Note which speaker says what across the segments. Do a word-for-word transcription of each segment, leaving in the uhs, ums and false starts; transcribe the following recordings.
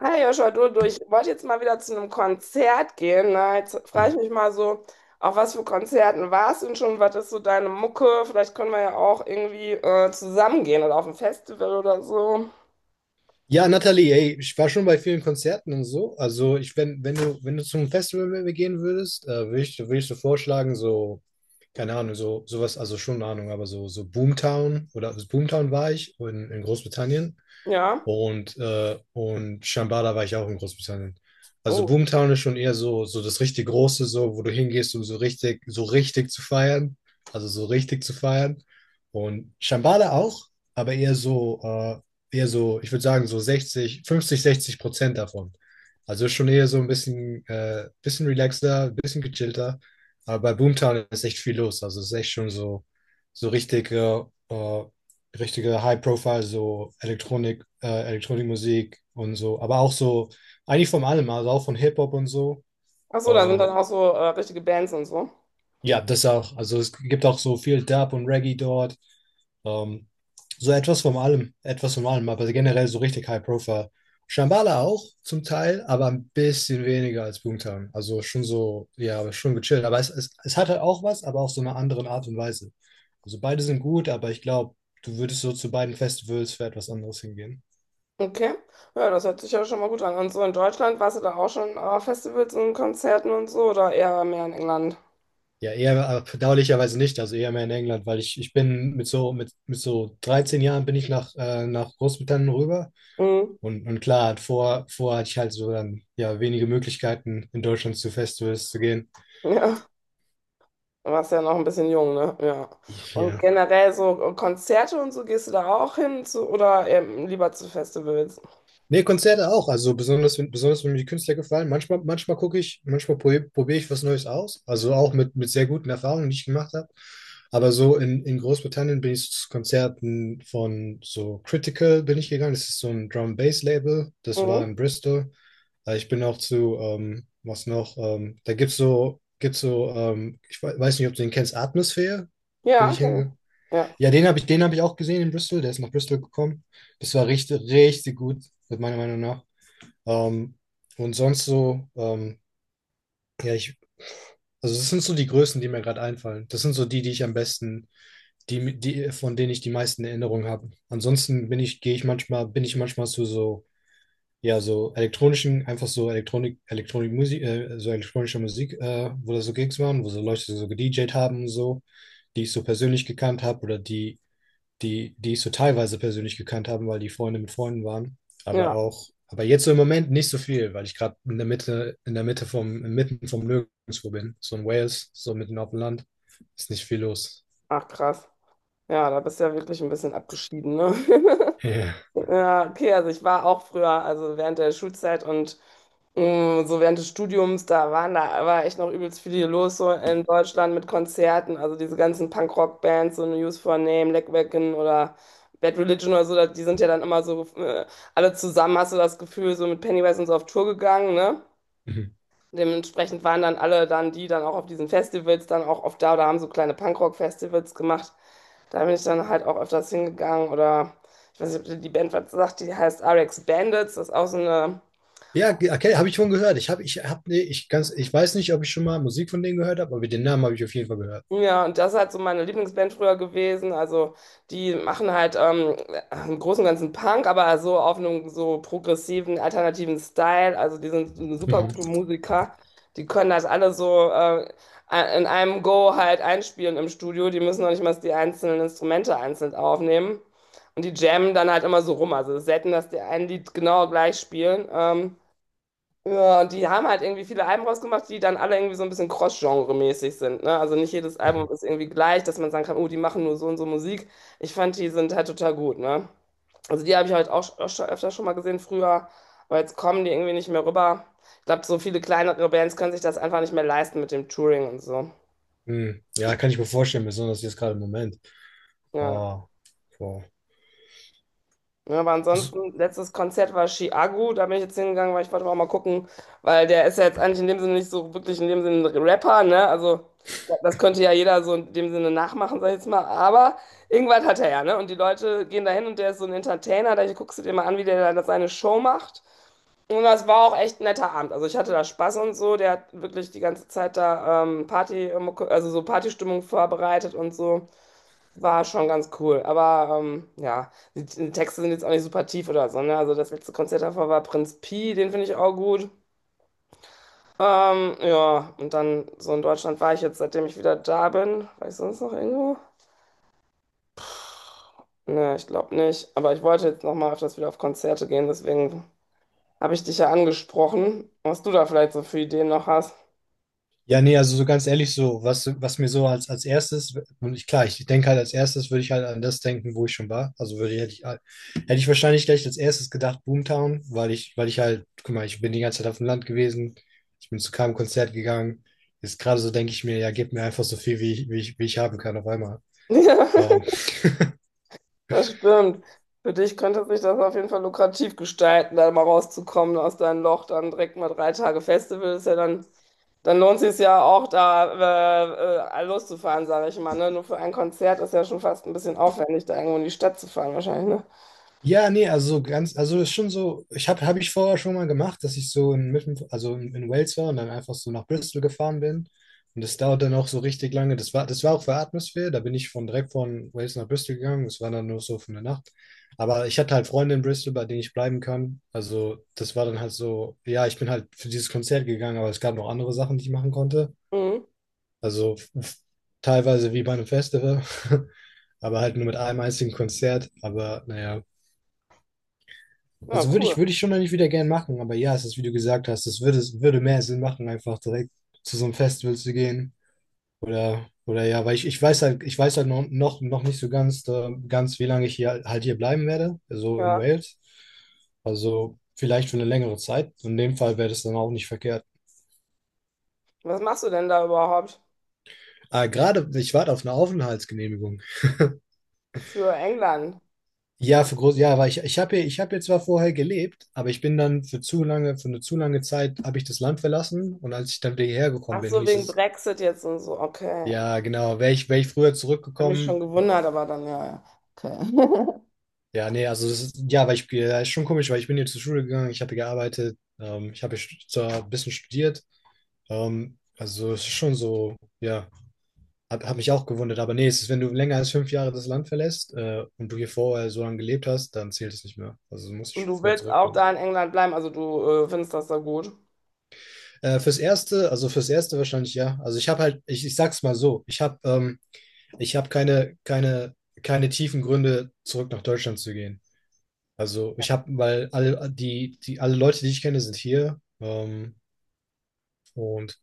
Speaker 1: Hey Joshua, du, du, ich wollte jetzt mal wieder zu einem Konzert gehen. Ne? Jetzt frage ich
Speaker 2: Mhm.
Speaker 1: mich mal so, auf was für Konzerten warst du denn schon? Was ist so deine Mucke? Vielleicht können wir ja auch irgendwie äh, zusammen gehen oder auf ein Festival oder so.
Speaker 2: Ja, Nathalie, ey, ich war schon bei vielen Konzerten und so. Also ich, wenn, wenn du, wenn du zum Festival gehen würdest, äh, würde ich, würde ich so vorschlagen, so, keine Ahnung, so, sowas, also schon eine Ahnung, aber so, so Boomtown oder also Boomtown war ich in, in Großbritannien.
Speaker 1: Ja.
Speaker 2: Und, äh, und Shambhala war ich auch in Großbritannien. Also
Speaker 1: Oh.
Speaker 2: Boomtown ist schon eher so, so das richtig Große, so, wo du hingehst, um so richtig, so richtig zu feiern. Also so richtig zu feiern. Und Shambhala auch, aber eher so, äh, eher so, ich würde sagen, so sechzig, fünfzig, sechzig Prozent davon. Also schon eher so ein bisschen, äh, bisschen relaxter, ein bisschen gechillter. Aber bei Boomtown ist echt viel los. Also es ist echt schon so, so richtig äh, äh, richtige High-Profile, so Elektronik, äh, Elektronikmusik und so, aber auch so, eigentlich von allem, also auch von Hip-Hop und so.
Speaker 1: Ach so, da sind dann
Speaker 2: Ähm,
Speaker 1: auch so äh, richtige Bands und so.
Speaker 2: ja, das auch, also es gibt auch so viel Dub und Reggae dort. Ähm, so etwas von allem, etwas von allem, aber generell so richtig High-Profile. Shambhala auch zum Teil, aber ein bisschen weniger als Boomtown. Also schon so, ja, aber schon gechillt. Aber es, es, es hat halt auch was, aber auch so eine andere Art und Weise. Also beide sind gut, aber ich glaube, du würdest so zu beiden Festivals für etwas anderes hingehen.
Speaker 1: Okay. Ja, das hört sich ja schon mal gut an. Und so in Deutschland warst du da auch schon auf Festivals und Konzerten und so oder eher mehr in England?
Speaker 2: Ja, eher aber bedauerlicherweise nicht, also eher mehr in England, weil ich, ich bin mit so, mit, mit so dreizehn Jahren bin ich nach, äh, nach Großbritannien rüber.
Speaker 1: Mhm.
Speaker 2: Und, und klar, vor, vor hatte ich halt so dann ja wenige Möglichkeiten, in Deutschland zu Festivals zu gehen.
Speaker 1: Ja. Du warst ja noch ein bisschen jung, ne? Ja. Und
Speaker 2: Ja.
Speaker 1: generell so Konzerte und so, gehst du da auch hin zu, oder eher lieber zu Festivals?
Speaker 2: Nee, Konzerte auch. Also besonders, wenn- besonders wenn mir die Künstler gefallen. Manchmal, manchmal gucke ich, manchmal probiere probier ich was Neues aus. Also auch mit, mit sehr guten Erfahrungen, die ich gemacht habe. Aber so in, in Großbritannien bin ich zu Konzerten von so Critical bin ich gegangen. Das ist so ein Drum-Bass-Label. Das war in
Speaker 1: Mhm.
Speaker 2: Bristol. Äh, Ich bin auch zu, ähm, was noch, ähm, da gibt's so, gibt's so, ähm, ich we- weiß nicht, ob du den kennst, Atmosphäre. Bin
Speaker 1: Ja,
Speaker 2: ich
Speaker 1: kenn ich.
Speaker 2: hingegangen.
Speaker 1: Ja,
Speaker 2: Ja, den habe ich, den habe ich auch gesehen in Bristol. Der ist nach Bristol gekommen. Das war richtig, richtig gut, meiner Meinung nach. Ähm, und sonst so, ähm, ja, ich, also das sind so die Größen, die mir gerade einfallen. Das sind so die, die ich am besten, die, die, von denen ich die meisten Erinnerungen habe. Ansonsten bin ich, gehe ich manchmal, bin ich manchmal zu so, ja, so elektronischen, einfach so Elektronik, Elektronik Musik, äh, so elektronischer Musik, äh, wo da so Gigs waren, wo so Leute so gedjed haben und so, die ich so persönlich gekannt habe oder die die, die ich so teilweise persönlich gekannt habe, weil die Freunde mit Freunden waren. Aber
Speaker 1: ja.
Speaker 2: auch, aber jetzt so im Moment nicht so viel, weil ich gerade in der Mitte, in der Mitte vom, mitten vom Nirgendwo bin. So in Wales, so mitten auf dem Land. Ist nicht viel los.
Speaker 1: Ach, krass. Ja, da bist du ja wirklich ein bisschen abgeschieden, ne?
Speaker 2: Ja.
Speaker 1: Ja, okay, also ich war auch früher, also während der Schulzeit und mm, so während des Studiums, da waren da, war echt noch übelst viel hier los, so in Deutschland mit Konzerten, also diese ganzen Punk-Rock-Bands, so News for a Name, Leckwacken oder Bad Religion oder so, da- die sind ja dann immer so, äh, alle zusammen, hast du das Gefühl, so mit Pennywise und so auf Tour gegangen, ne?
Speaker 2: Mhm.
Speaker 1: Dementsprechend waren dann alle dann, die dann auch auf diesen Festivals dann auch oft da oder haben so kleine punkrock festivals gemacht. Da bin ich dann halt auch öfters hingegangen oder, ich weiß nicht, ob dir die Band was sagt, die heißt R X Bandits, das ist auch so eine.
Speaker 2: Ja ge- okay, habe ich schon gehört. Ich habe, ich habe, nee, ich ganz, ich weiß nicht, ob ich schon mal Musik von denen gehört habe, aber den Namen habe ich auf jeden Fall gehört.
Speaker 1: Ja, und das ist halt so meine Lieblingsband früher gewesen. Also die machen halt ähm, im Großen und Ganzen Punk, aber so auf einem so progressiven, alternativen Style. Also die sind super
Speaker 2: Mhm.
Speaker 1: gute Musiker. Die können das alle so äh, in einem Go halt einspielen im Studio. Die müssen noch nicht mal die einzelnen Instrumente einzeln aufnehmen. Und die jammen dann halt immer so rum. Also es ist selten, dass die ein Lied genau gleich spielen. Ähm, ja, und die haben halt irgendwie viele Alben rausgemacht, die dann alle irgendwie so ein bisschen Cross-Genre-mäßig sind, ne? Also nicht jedes Album
Speaker 2: Mhm.
Speaker 1: ist irgendwie gleich, dass man sagen kann, oh, die machen nur so und so Musik. Ich fand, die sind halt total gut, ne? Also die habe ich halt auch sch- öfter schon mal gesehen früher, aber jetzt kommen die irgendwie nicht mehr rüber. Ich glaube, so viele kleinere Bands können sich das einfach nicht mehr leisten mit dem Touring und so.
Speaker 2: Mhm. Ja, kann ich mir vorstellen, besonders jetzt gerade im Moment.
Speaker 1: Ja.
Speaker 2: Oh, boah.
Speaker 1: Ja, aber ansonsten, letztes Konzert war Chiago, da bin ich jetzt hingegangen, weil ich wollte auch mal gucken, weil der ist ja jetzt eigentlich in dem Sinne nicht so wirklich in dem Sinne ein Rapper, ne? Also ja, das könnte ja jeder so in dem Sinne nachmachen, sag ich jetzt mal, aber irgendwas hat er ja, ne? Und die Leute gehen da hin und der ist so ein Entertainer, da guckst du dir mal an, wie der da seine Show macht. Und das war auch echt ein netter Abend. Also ich hatte da Spaß und so, der hat wirklich die ganze Zeit da ähm, Party, ähm, also so Partystimmung vorbereitet und so. War schon ganz cool, aber ähm, ja, die, die Texte sind jetzt auch nicht super tief oder so, ne? Also das letzte Konzert davor war Prinz Pi, den finde ich auch gut. Ähm, ja, und dann so in Deutschland war ich jetzt, seitdem ich wieder da bin. War ich sonst noch irgendwo? Ne, ich glaube nicht. Aber ich wollte jetzt nochmal öfters wieder auf Konzerte gehen, deswegen habe ich dich ja angesprochen, was du da vielleicht so für Ideen noch hast.
Speaker 2: Ja, nee, also so ganz ehrlich, so, was, was mir so als, als erstes, und ich, klar, ich denke halt als erstes würde ich halt an das denken, wo ich schon war. Also würde ich, hätte ich, halt- hätte ich wahrscheinlich gleich als erstes gedacht, Boomtown, weil ich, weil ich halt, guck mal, ich bin die ganze Zeit auf dem Land gewesen, ich bin zu keinem Konzert gegangen. Jetzt gerade so denke ich mir, ja, gib mir einfach so viel, wie ich, wie ich, wie ich haben kann auf einmal. Ähm,
Speaker 1: Ja, das stimmt. Für dich könnte sich das auf jeden Fall lukrativ gestalten, da mal rauszukommen aus deinem Loch, dann direkt mal drei Tage Festival ist ja dann. Dann lohnt sich ja auch, da äh, äh, loszufahren, sage ich mal. Ne? Nur für ein Konzert ist ja schon fast ein bisschen aufwendig, da irgendwo in die Stadt zu fahren, wahrscheinlich. Ne?
Speaker 2: Ja, nee, also so ganz, also ist schon so, ich habe hab hab ich vorher schon mal gemacht, dass ich so in, mitten- also in, in Wales war und dann einfach so nach Bristol gefahren bin. Und das dauert dann auch so richtig lange. Das war, das war auch für Atmosphäre. Da bin ich von direkt von Wales nach Bristol gegangen. Das war dann nur so für eine Nacht. Aber ich hatte halt Freunde in Bristol, bei denen ich bleiben kann. Also das war dann halt so, ja, ich bin halt für dieses Konzert gegangen, aber es gab noch andere Sachen, die ich machen konnte.
Speaker 1: Mhm.
Speaker 2: Also f- teilweise wie bei einem Festival, aber halt nur mit einem einzigen Konzert. Aber naja.
Speaker 1: Ja,
Speaker 2: Also würde ich,
Speaker 1: cool.
Speaker 2: würde ich schon eigentlich wieder gern machen, aber ja, es ist, wie du gesagt hast, es würde, es würde mehr Sinn machen, einfach direkt zu so einem Festival zu gehen. Oder, oder ja, weil ich, ich weiß halt, ich weiß halt noch, noch, noch nicht so ganz, äh, ganz, wie lange ich hier halt hier bleiben werde, also in
Speaker 1: Ja.
Speaker 2: Wales. Also vielleicht für eine längere Zeit. In dem Fall wäre das dann auch nicht verkehrt.
Speaker 1: Was machst du denn da überhaupt
Speaker 2: Ah, gerade, ich warte auf eine Aufenthaltsgenehmigung.
Speaker 1: für England?
Speaker 2: Ja, für groß, ja, weil ich, ich habe hier, ich habe hier zwar vorher gelebt, aber ich bin dann für zu lange, für eine zu lange Zeit habe ich das Land verlassen und als ich dann wieder hierher gekommen
Speaker 1: Ach
Speaker 2: bin,
Speaker 1: so,
Speaker 2: hieß
Speaker 1: wegen
Speaker 2: es,
Speaker 1: Brexit jetzt und so. Okay.
Speaker 2: Ja, genau. Wäre ich, wär ich früher
Speaker 1: Hab mich schon
Speaker 2: zurückgekommen,
Speaker 1: gewundert, aber dann ja, ja. Okay.
Speaker 2: ja, nee, also das ist, ja, weil ich, ja, ist schon komisch, weil ich bin hier zur Schule gegangen, ich habe hier gearbeitet, ähm, ich habe hier stu- zwar ein bisschen studiert, ähm, also es ist schon so, ja, hab, hab mich auch gewundert, aber nee, es ist, wenn du länger als fünf Jahre das Land verlässt, äh, und du hier vorher so lange gelebt hast, dann zählt es nicht mehr. Also du musst
Speaker 1: Und
Speaker 2: schon
Speaker 1: du
Speaker 2: früher
Speaker 1: willst auch
Speaker 2: zurückkommen.
Speaker 1: da in England bleiben, also du äh, findest das da gut.
Speaker 2: Äh, fürs Erste, also fürs Erste wahrscheinlich ja. Also ich habe halt, ich, ich sag's mal so, ich habe ähm, ich habe keine, keine, keine tiefen Gründe, zurück nach Deutschland zu gehen. Also ich habe, weil alle die, die alle Leute, die ich kenne, sind hier. Ähm, und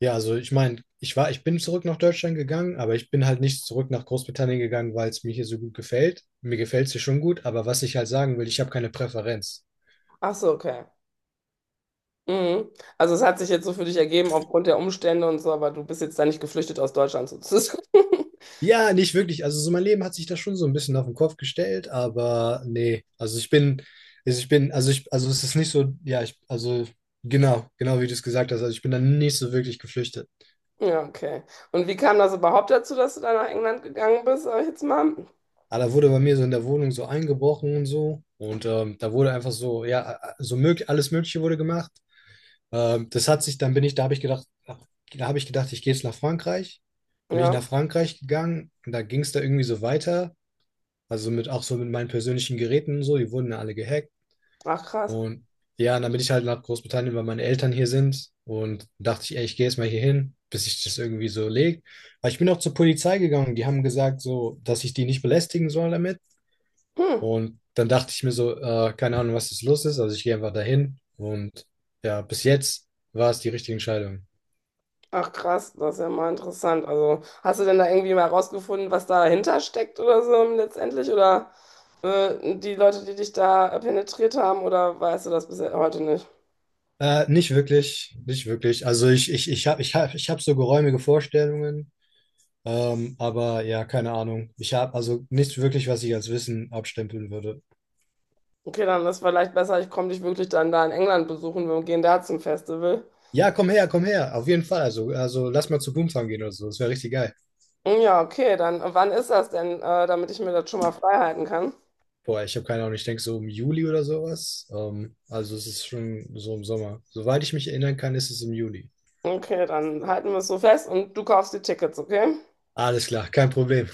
Speaker 2: ja, also ich meine, ich war, ich bin zurück nach Deutschland gegangen, aber ich bin halt nicht zurück nach Großbritannien gegangen, weil es mir hier so gut gefällt. Mir gefällt es hier schon gut, aber was ich halt sagen will, ich habe keine Präferenz.
Speaker 1: Ach so, okay. Mhm. Also es hat sich jetzt so für dich ergeben aufgrund der Umstände und so, aber du bist jetzt da nicht geflüchtet aus Deutschland sozusagen.
Speaker 2: Ja, nicht wirklich. Also so mein Leben hat sich da schon so ein bisschen auf den Kopf gestellt, aber nee. Also ich bin, also ich bin, also ich, Also es ist nicht so, ja, ich, also genau, genau wie du es gesagt hast. Also ich bin da nicht so wirklich geflüchtet.
Speaker 1: Ja, okay. Und wie kam das überhaupt dazu, dass du da nach England gegangen bist, sag ich jetzt mal?
Speaker 2: Aber da wurde bei mir so in der Wohnung so eingebrochen und so. Und ähm, da wurde einfach so, ja, so möglich, alles Mögliche wurde gemacht. Ähm, das hat sich, dann bin ich, Da habe ich gedacht, ach, da habe ich gedacht, ich gehe jetzt nach Frankreich. Bin ich nach
Speaker 1: Ja,
Speaker 2: Frankreich gegangen und da ging es da irgendwie so weiter. Also mit auch so mit meinen persönlichen Geräten und so, die wurden ja alle gehackt.
Speaker 1: ach krass.
Speaker 2: Und ja, und dann bin ich halt nach Großbritannien, weil meine Eltern hier sind. Und dachte ich, ey, ich gehe jetzt mal hier hin, bis ich das irgendwie so legt. Aber ich bin auch zur Polizei gegangen. Die haben gesagt, so, dass ich die nicht belästigen soll damit.
Speaker 1: Hm.
Speaker 2: Und dann dachte ich mir so, äh, keine Ahnung, was jetzt los ist. Also ich gehe einfach dahin. Und ja, bis jetzt war es die richtige Entscheidung.
Speaker 1: Ach krass, das ist ja mal interessant. Also, hast du denn da irgendwie mal rausgefunden, was dahinter steckt oder so letztendlich? Oder äh, die Leute, die dich da penetriert haben, oder weißt du das bis heute nicht?
Speaker 2: Äh, nicht wirklich, nicht wirklich. Also ich, ich, ich habe ich hab, ich hab so geräumige Vorstellungen. Ähm, aber ja, keine Ahnung. Ich habe also nichts wirklich, was ich als Wissen abstempeln würde.
Speaker 1: Okay, dann ist vielleicht besser, ich komme dich wirklich dann da in England besuchen, wir gehen da zum Festival.
Speaker 2: Ja, komm her, komm her, auf jeden Fall. Also, also lass mal zu Boomtown gehen oder so. Das wäre richtig geil.
Speaker 1: Hm, ja, okay, dann äh, wann ist das denn, äh, damit ich mir das schon mal frei halten kann?
Speaker 2: Boah, ich habe keine Ahnung, ich denke so im Juli oder sowas. Ähm, also es ist schon so im Sommer. Soweit ich mich erinnern kann, ist es im Juli.
Speaker 1: Okay, dann halten wir es so fest und du kaufst die Tickets, okay?
Speaker 2: Alles klar, kein Problem.